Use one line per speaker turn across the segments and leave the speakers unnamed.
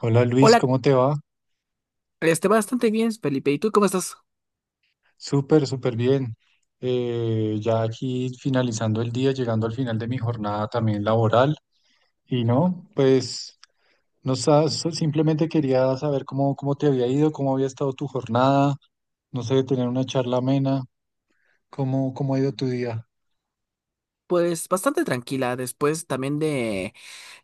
Hola Luis,
Hola,
¿cómo te va?
esté bastante bien, Felipe. ¿Y tú cómo estás?
Súper, súper bien. Ya aquí finalizando el día, llegando al final de mi jornada también laboral. Y no, pues no sa- so- simplemente quería saber cómo te había ido, cómo había estado tu jornada. No sé, tener una charla amena. ¿ cómo ha ido tu día?
Pues bastante tranquila después también de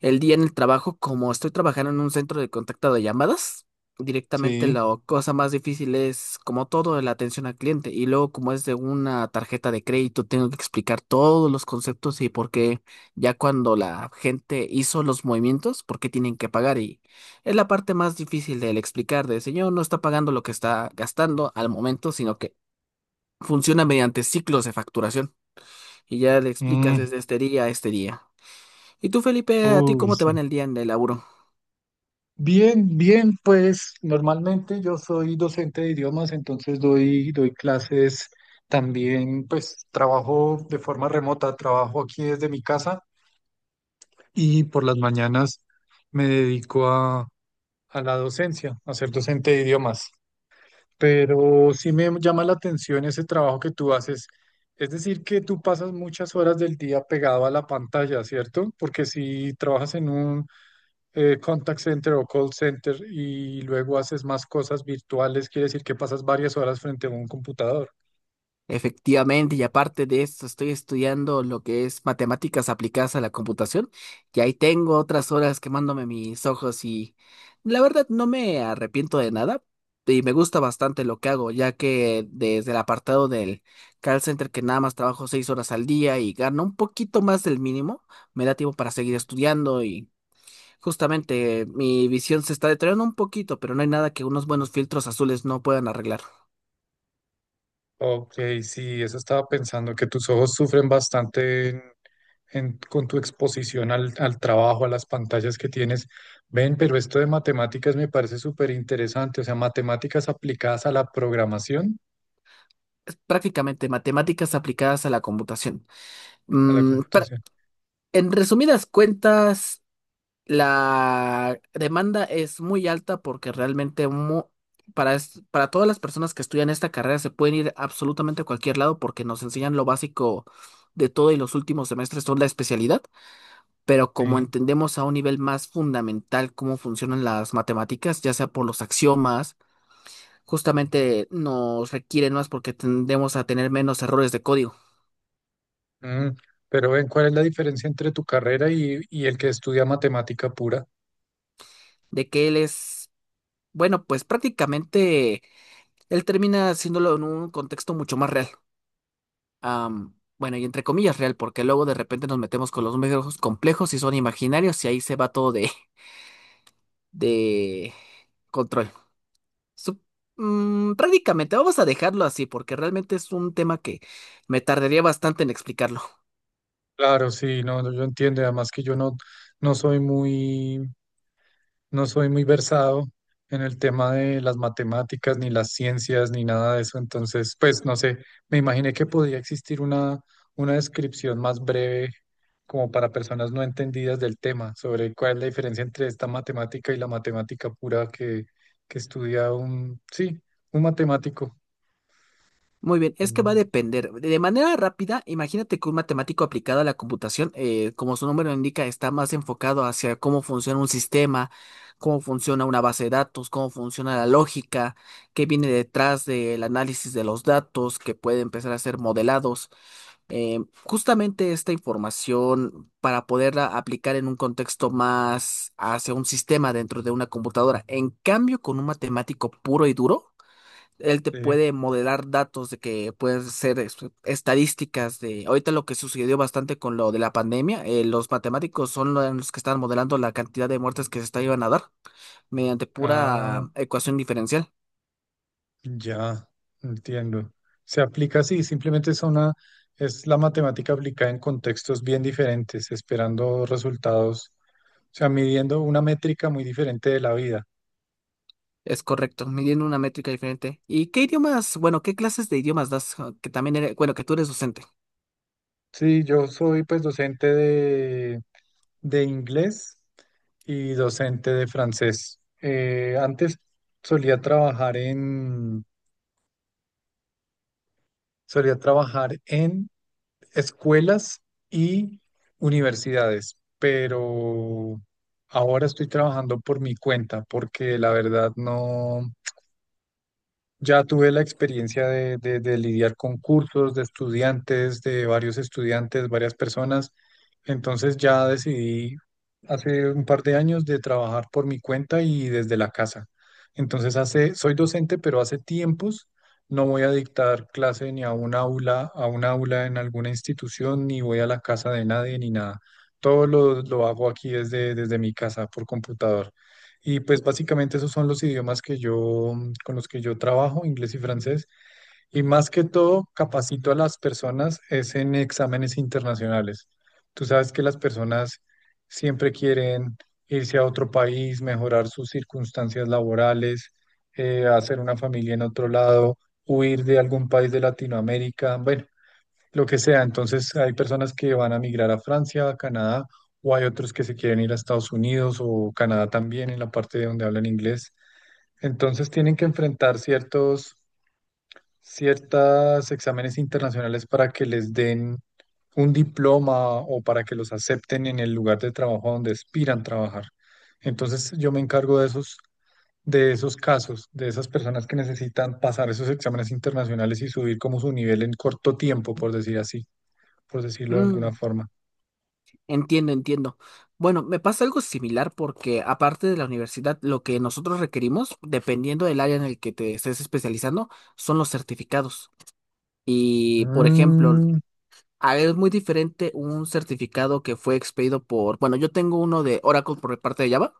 el día en el trabajo, como estoy trabajando en un centro de contacto de llamadas. Directamente,
Sí.
la cosa más difícil es como todo la atención al cliente, y luego, como es de una tarjeta de crédito, tengo que explicar todos los conceptos y por qué, ya cuando la gente hizo los movimientos, por qué tienen que pagar. Y es la parte más difícil del explicar de señor, no está pagando lo que está gastando al momento, sino que funciona mediante ciclos de facturación, y ya le explicas
Mm,
desde este día a este día. ¿Y tú, Felipe, a ti
uy,
cómo te
sí.
va en el día en el laburo?
Bien, bien, pues normalmente yo soy docente de idiomas, entonces doy clases también, pues trabajo de forma remota, trabajo aquí desde mi casa y por las mañanas me dedico a, a la docencia, a ser docente de idiomas. Pero sí me llama la atención ese trabajo que tú haces. Es decir, que tú pasas muchas horas del día pegado a la pantalla, ¿cierto? Porque si trabajas en un contact center o call center y luego haces más cosas virtuales, quiere decir que pasas varias horas frente a un computador.
Efectivamente, y aparte de esto, estoy estudiando lo que es matemáticas aplicadas a la computación, y ahí tengo otras horas quemándome mis ojos. Y la verdad no me arrepiento de nada, y me gusta bastante lo que hago, ya que desde el apartado del call center, que nada más trabajo 6 horas al día y gano un poquito más del mínimo, me da tiempo para seguir estudiando. Y justamente, mi visión se está deteriorando un poquito, pero no hay nada que unos buenos filtros azules no puedan arreglar.
Ok, sí, eso estaba pensando, que tus ojos sufren bastante con tu exposición al trabajo, a las pantallas que tienes. Ven, pero esto de matemáticas me parece súper interesante, o sea, matemáticas aplicadas a la programación,
Es prácticamente matemáticas aplicadas a la computación.
a la
Mm, pra-
computación.
en resumidas cuentas, la demanda es muy alta porque realmente para todas las personas que estudian esta carrera, se pueden ir absolutamente a cualquier lado porque nos enseñan lo básico de todo, y los últimos semestres son la especialidad. Pero como
Sí.
entendemos a un nivel más fundamental cómo funcionan las matemáticas, ya sea por los axiomas, justamente nos requieren más porque tendemos a tener menos errores de código.
Mm, pero ven, ¿cuál es la diferencia entre tu carrera y el que estudia matemática pura?
De que él es, bueno, pues prácticamente él termina haciéndolo en un contexto mucho más real. Bueno, y entre comillas real, porque luego de repente nos metemos con los medios complejos y son imaginarios, y ahí se va todo de, de control. Sup- Prácticamente, vamos a dejarlo así porque realmente es un tema que me tardaría bastante en explicarlo.
Claro, sí, no, no, yo entiendo, y además que yo no, no soy no soy muy versado en el tema de las matemáticas, ni las ciencias, ni nada de eso, entonces, pues, no sé, me imaginé que podía existir una descripción más breve, como para personas no entendidas del tema, sobre cuál es la diferencia entre esta matemática y la matemática pura que estudia un, sí, un matemático.
Muy bien, es que va a
Mm,
depender. De manera rápida, imagínate que un matemático aplicado a la computación, como su nombre lo indica, está más enfocado hacia cómo funciona un sistema, cómo funciona una base de datos, cómo funciona la lógica, qué viene detrás del análisis de los datos que puede empezar a ser modelados. Justamente esta información para poderla aplicar en un contexto más hacia un sistema dentro de una computadora. En cambio, con un matemático puro y duro, él te
sí.
puede modelar datos de que pueden ser estadísticas. De ahorita lo que sucedió bastante con lo de la pandemia, los matemáticos son los que están modelando la cantidad de muertes que se está iban a dar mediante pura
Ah.
ecuación diferencial.
Ya, entiendo. Se aplica así, simplemente es la matemática aplicada en contextos bien diferentes, esperando resultados, o sea, midiendo una métrica muy diferente de la vida.
Es correcto, midiendo una métrica diferente. ¿Y qué idiomas, bueno, qué clases de idiomas das? Ah, que también eres, bueno, que tú eres docente.
Sí, yo soy pues de inglés y docente de francés. Antes solía trabajar en, solía trabajar en escuelas y universidades, pero ahora estoy trabajando por mi cuenta porque la verdad no, ya tuve la experiencia de lidiar con cursos de estudiantes, de varios estudiantes, varias personas. Entonces ya decidí hace un par de años de trabajar por mi cuenta y desde la casa. Entonces hace, soy docente, pero hace tiempos no voy a dictar clase ni a un aula, a un aula en alguna institución, ni voy a la casa de nadie, ni nada. Todo lo hago aquí desde mi casa por computador. Y pues básicamente esos son los idiomas que yo, mm, con los que yo trabajo, inglés y francés. Y más que todo, capacito a las personas es en exámenes internacionales. Tú sabes que las personas siempre quieren irse a otro país, mejorar sus circunstancias laborales, hacer una familia en otro lado, huir de algún país de Latinoamérica. Bueno, lo que sea. Entonces, hay personas que van a migrar a Francia, a Canadá, o hay otros que se quieren ir a Estados Unidos o Canadá también, en la parte de donde hablan inglés. Entonces, tienen que enfrentar ciertos exámenes internacionales para que les den un diploma o para que los acepten en el lugar de trabajo donde aspiran trabajar. Entonces, yo me encargo de de esos casos, de esas personas que necesitan pasar esos exámenes internacionales y subir como su nivel en corto tiempo, por decir así, por decirlo de
Mm,
alguna forma.
entiendo, entiendo. Bueno, me pasa algo similar porque aparte de la universidad, lo que nosotros requerimos, dependiendo del área en el que te estés especializando, son los certificados. Y por ejemplo,
Mm,
es muy diferente un certificado que fue expedido por, bueno, yo tengo uno de Oracle por parte de Java,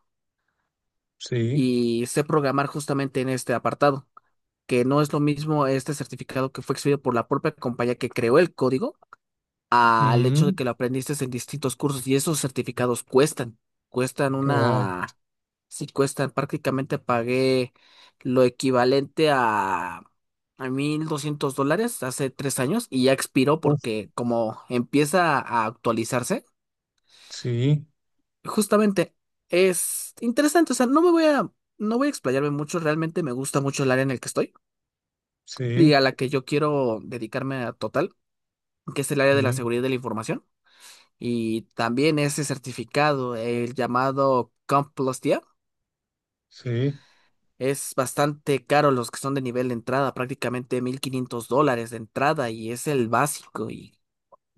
sí,
y sé programar justamente en este apartado. Que no es lo mismo este certificado que fue exhibido por la propia compañía que creó el código, al hecho de
mm,
que lo aprendiste en distintos cursos. Y esos certificados cuestan, cuestan
oh,
una, sí cuestan, prácticamente pagué lo equivalente a, 1.200 dólares hace 3 años, y ya expiró
uf,
porque como empieza a actualizarse,
sí,
justamente es interesante. O sea, no voy a explayarme mucho, realmente me gusta mucho el área en el que estoy, y
sí,
a la que yo quiero dedicarme a total, que es el área de la
sí,
seguridad de la información. Y también ese certificado, el llamado CompTIA,
sí,
es bastante caro los que son de nivel de entrada, prácticamente 1.500 dólares de entrada, y es el básico. Y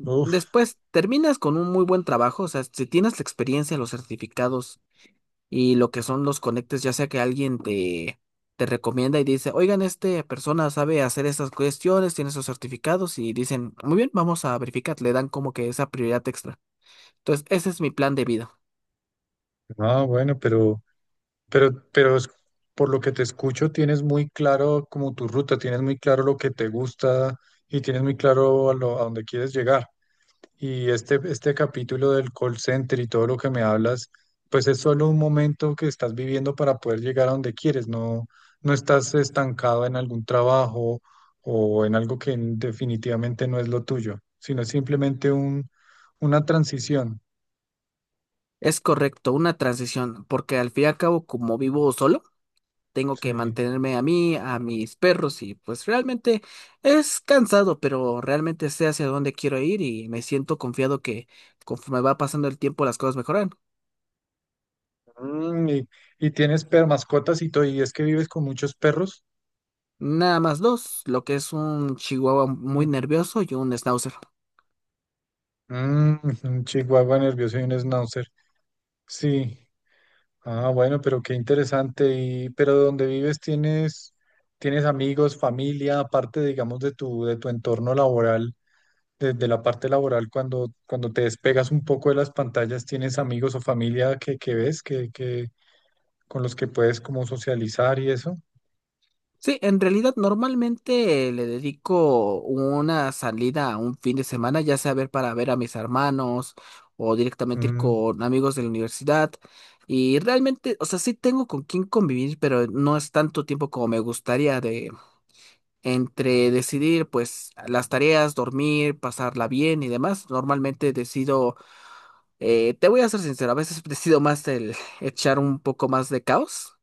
uf.
después terminas con un muy buen trabajo. O sea, si tienes la experiencia, los certificados y lo que son los conectes, ya sea que alguien te recomienda y dice, oigan, esta persona sabe hacer estas cuestiones, tiene esos certificados, y dicen, muy bien, vamos a verificar, le dan como que esa prioridad extra. Entonces, ese es mi plan de vida.
Ah, bueno, pero es- por lo que te escucho, tienes muy claro como tu ruta, tienes muy claro lo que te gusta y tienes muy claro a dónde quieres llegar. Y este capítulo del call center y todo lo que me hablas, pues es solo un momento que estás viviendo para poder llegar a donde quieres, no, no estás estancado en algún trabajo o en algo que definitivamente no es lo tuyo, sino es simplemente una transición.
Es correcto, una transición, porque al fin y al cabo, como vivo solo, tengo que
Sí.
mantenerme a mí, a mis perros, y pues realmente es cansado, pero realmente sé hacia dónde quiero ir, y me siento confiado que conforme va pasando el tiempo las cosas mejoran.
Mm, y tienes per mascotas y todo, y es que vives con muchos perros.
Nada más dos, lo que es un chihuahua muy nervioso y un schnauzer.
Mm, un chihuahua nervioso y un schnauzer. Sí. Ah, bueno, pero qué interesante. Y, pero donde vives tienes, tienes amigos, familia, aparte, digamos, de tu entorno laboral, desde la parte laboral, cuando te despegas un poco de las pantallas, ¿tienes amigos o familia que ves, que, con los que puedes como socializar y eso?
Sí, en realidad normalmente le dedico una salida a un fin de semana, ya sea ver para ver a mis hermanos o directamente ir
Mm,
con amigos de la universidad. Y realmente, o sea, sí tengo con quién convivir, pero no es tanto tiempo como me gustaría, de entre decidir pues las tareas, dormir, pasarla bien y demás. Normalmente decido... Te voy a ser sincero, a veces decido más el echar un poco más de caos,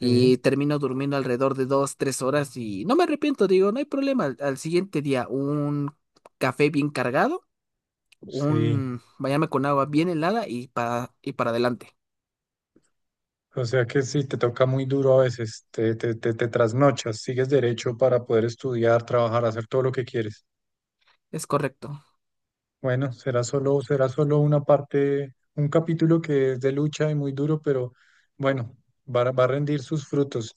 sí,
termino durmiendo alrededor de 2, 3 horas, y no me arrepiento, digo, no hay problema. Al siguiente día, un café bien cargado,
sí.
un bañarme con agua bien helada, y para, adelante.
O sea que sí, te toca muy duro a veces, te trasnochas, sigues derecho para poder estudiar, trabajar, hacer todo lo que quieres.
Es correcto.
Bueno, será solo una parte, un capítulo que es de lucha y muy duro, pero bueno, va a rendir sus frutos.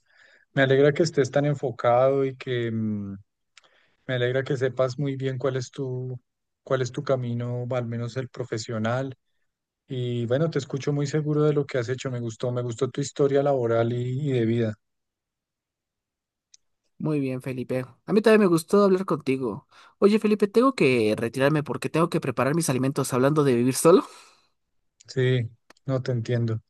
Me alegra que estés tan enfocado y que mm, me alegra que sepas muy bien cuál es cuál es tu camino, al menos el profesional. Y bueno, te escucho muy seguro de lo que has hecho. Me gustó tu historia laboral y de vida.
Muy bien, Felipe. A mí también me gustó hablar contigo. Oye, Felipe, tengo que retirarme porque tengo que preparar mis alimentos, hablando de vivir solo.
Sí, no te entiendo,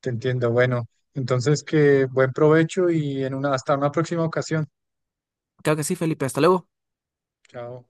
te entiendo. Bueno, entonces que buen provecho y hasta una próxima ocasión.
Claro que sí, Felipe, hasta luego.
Chao.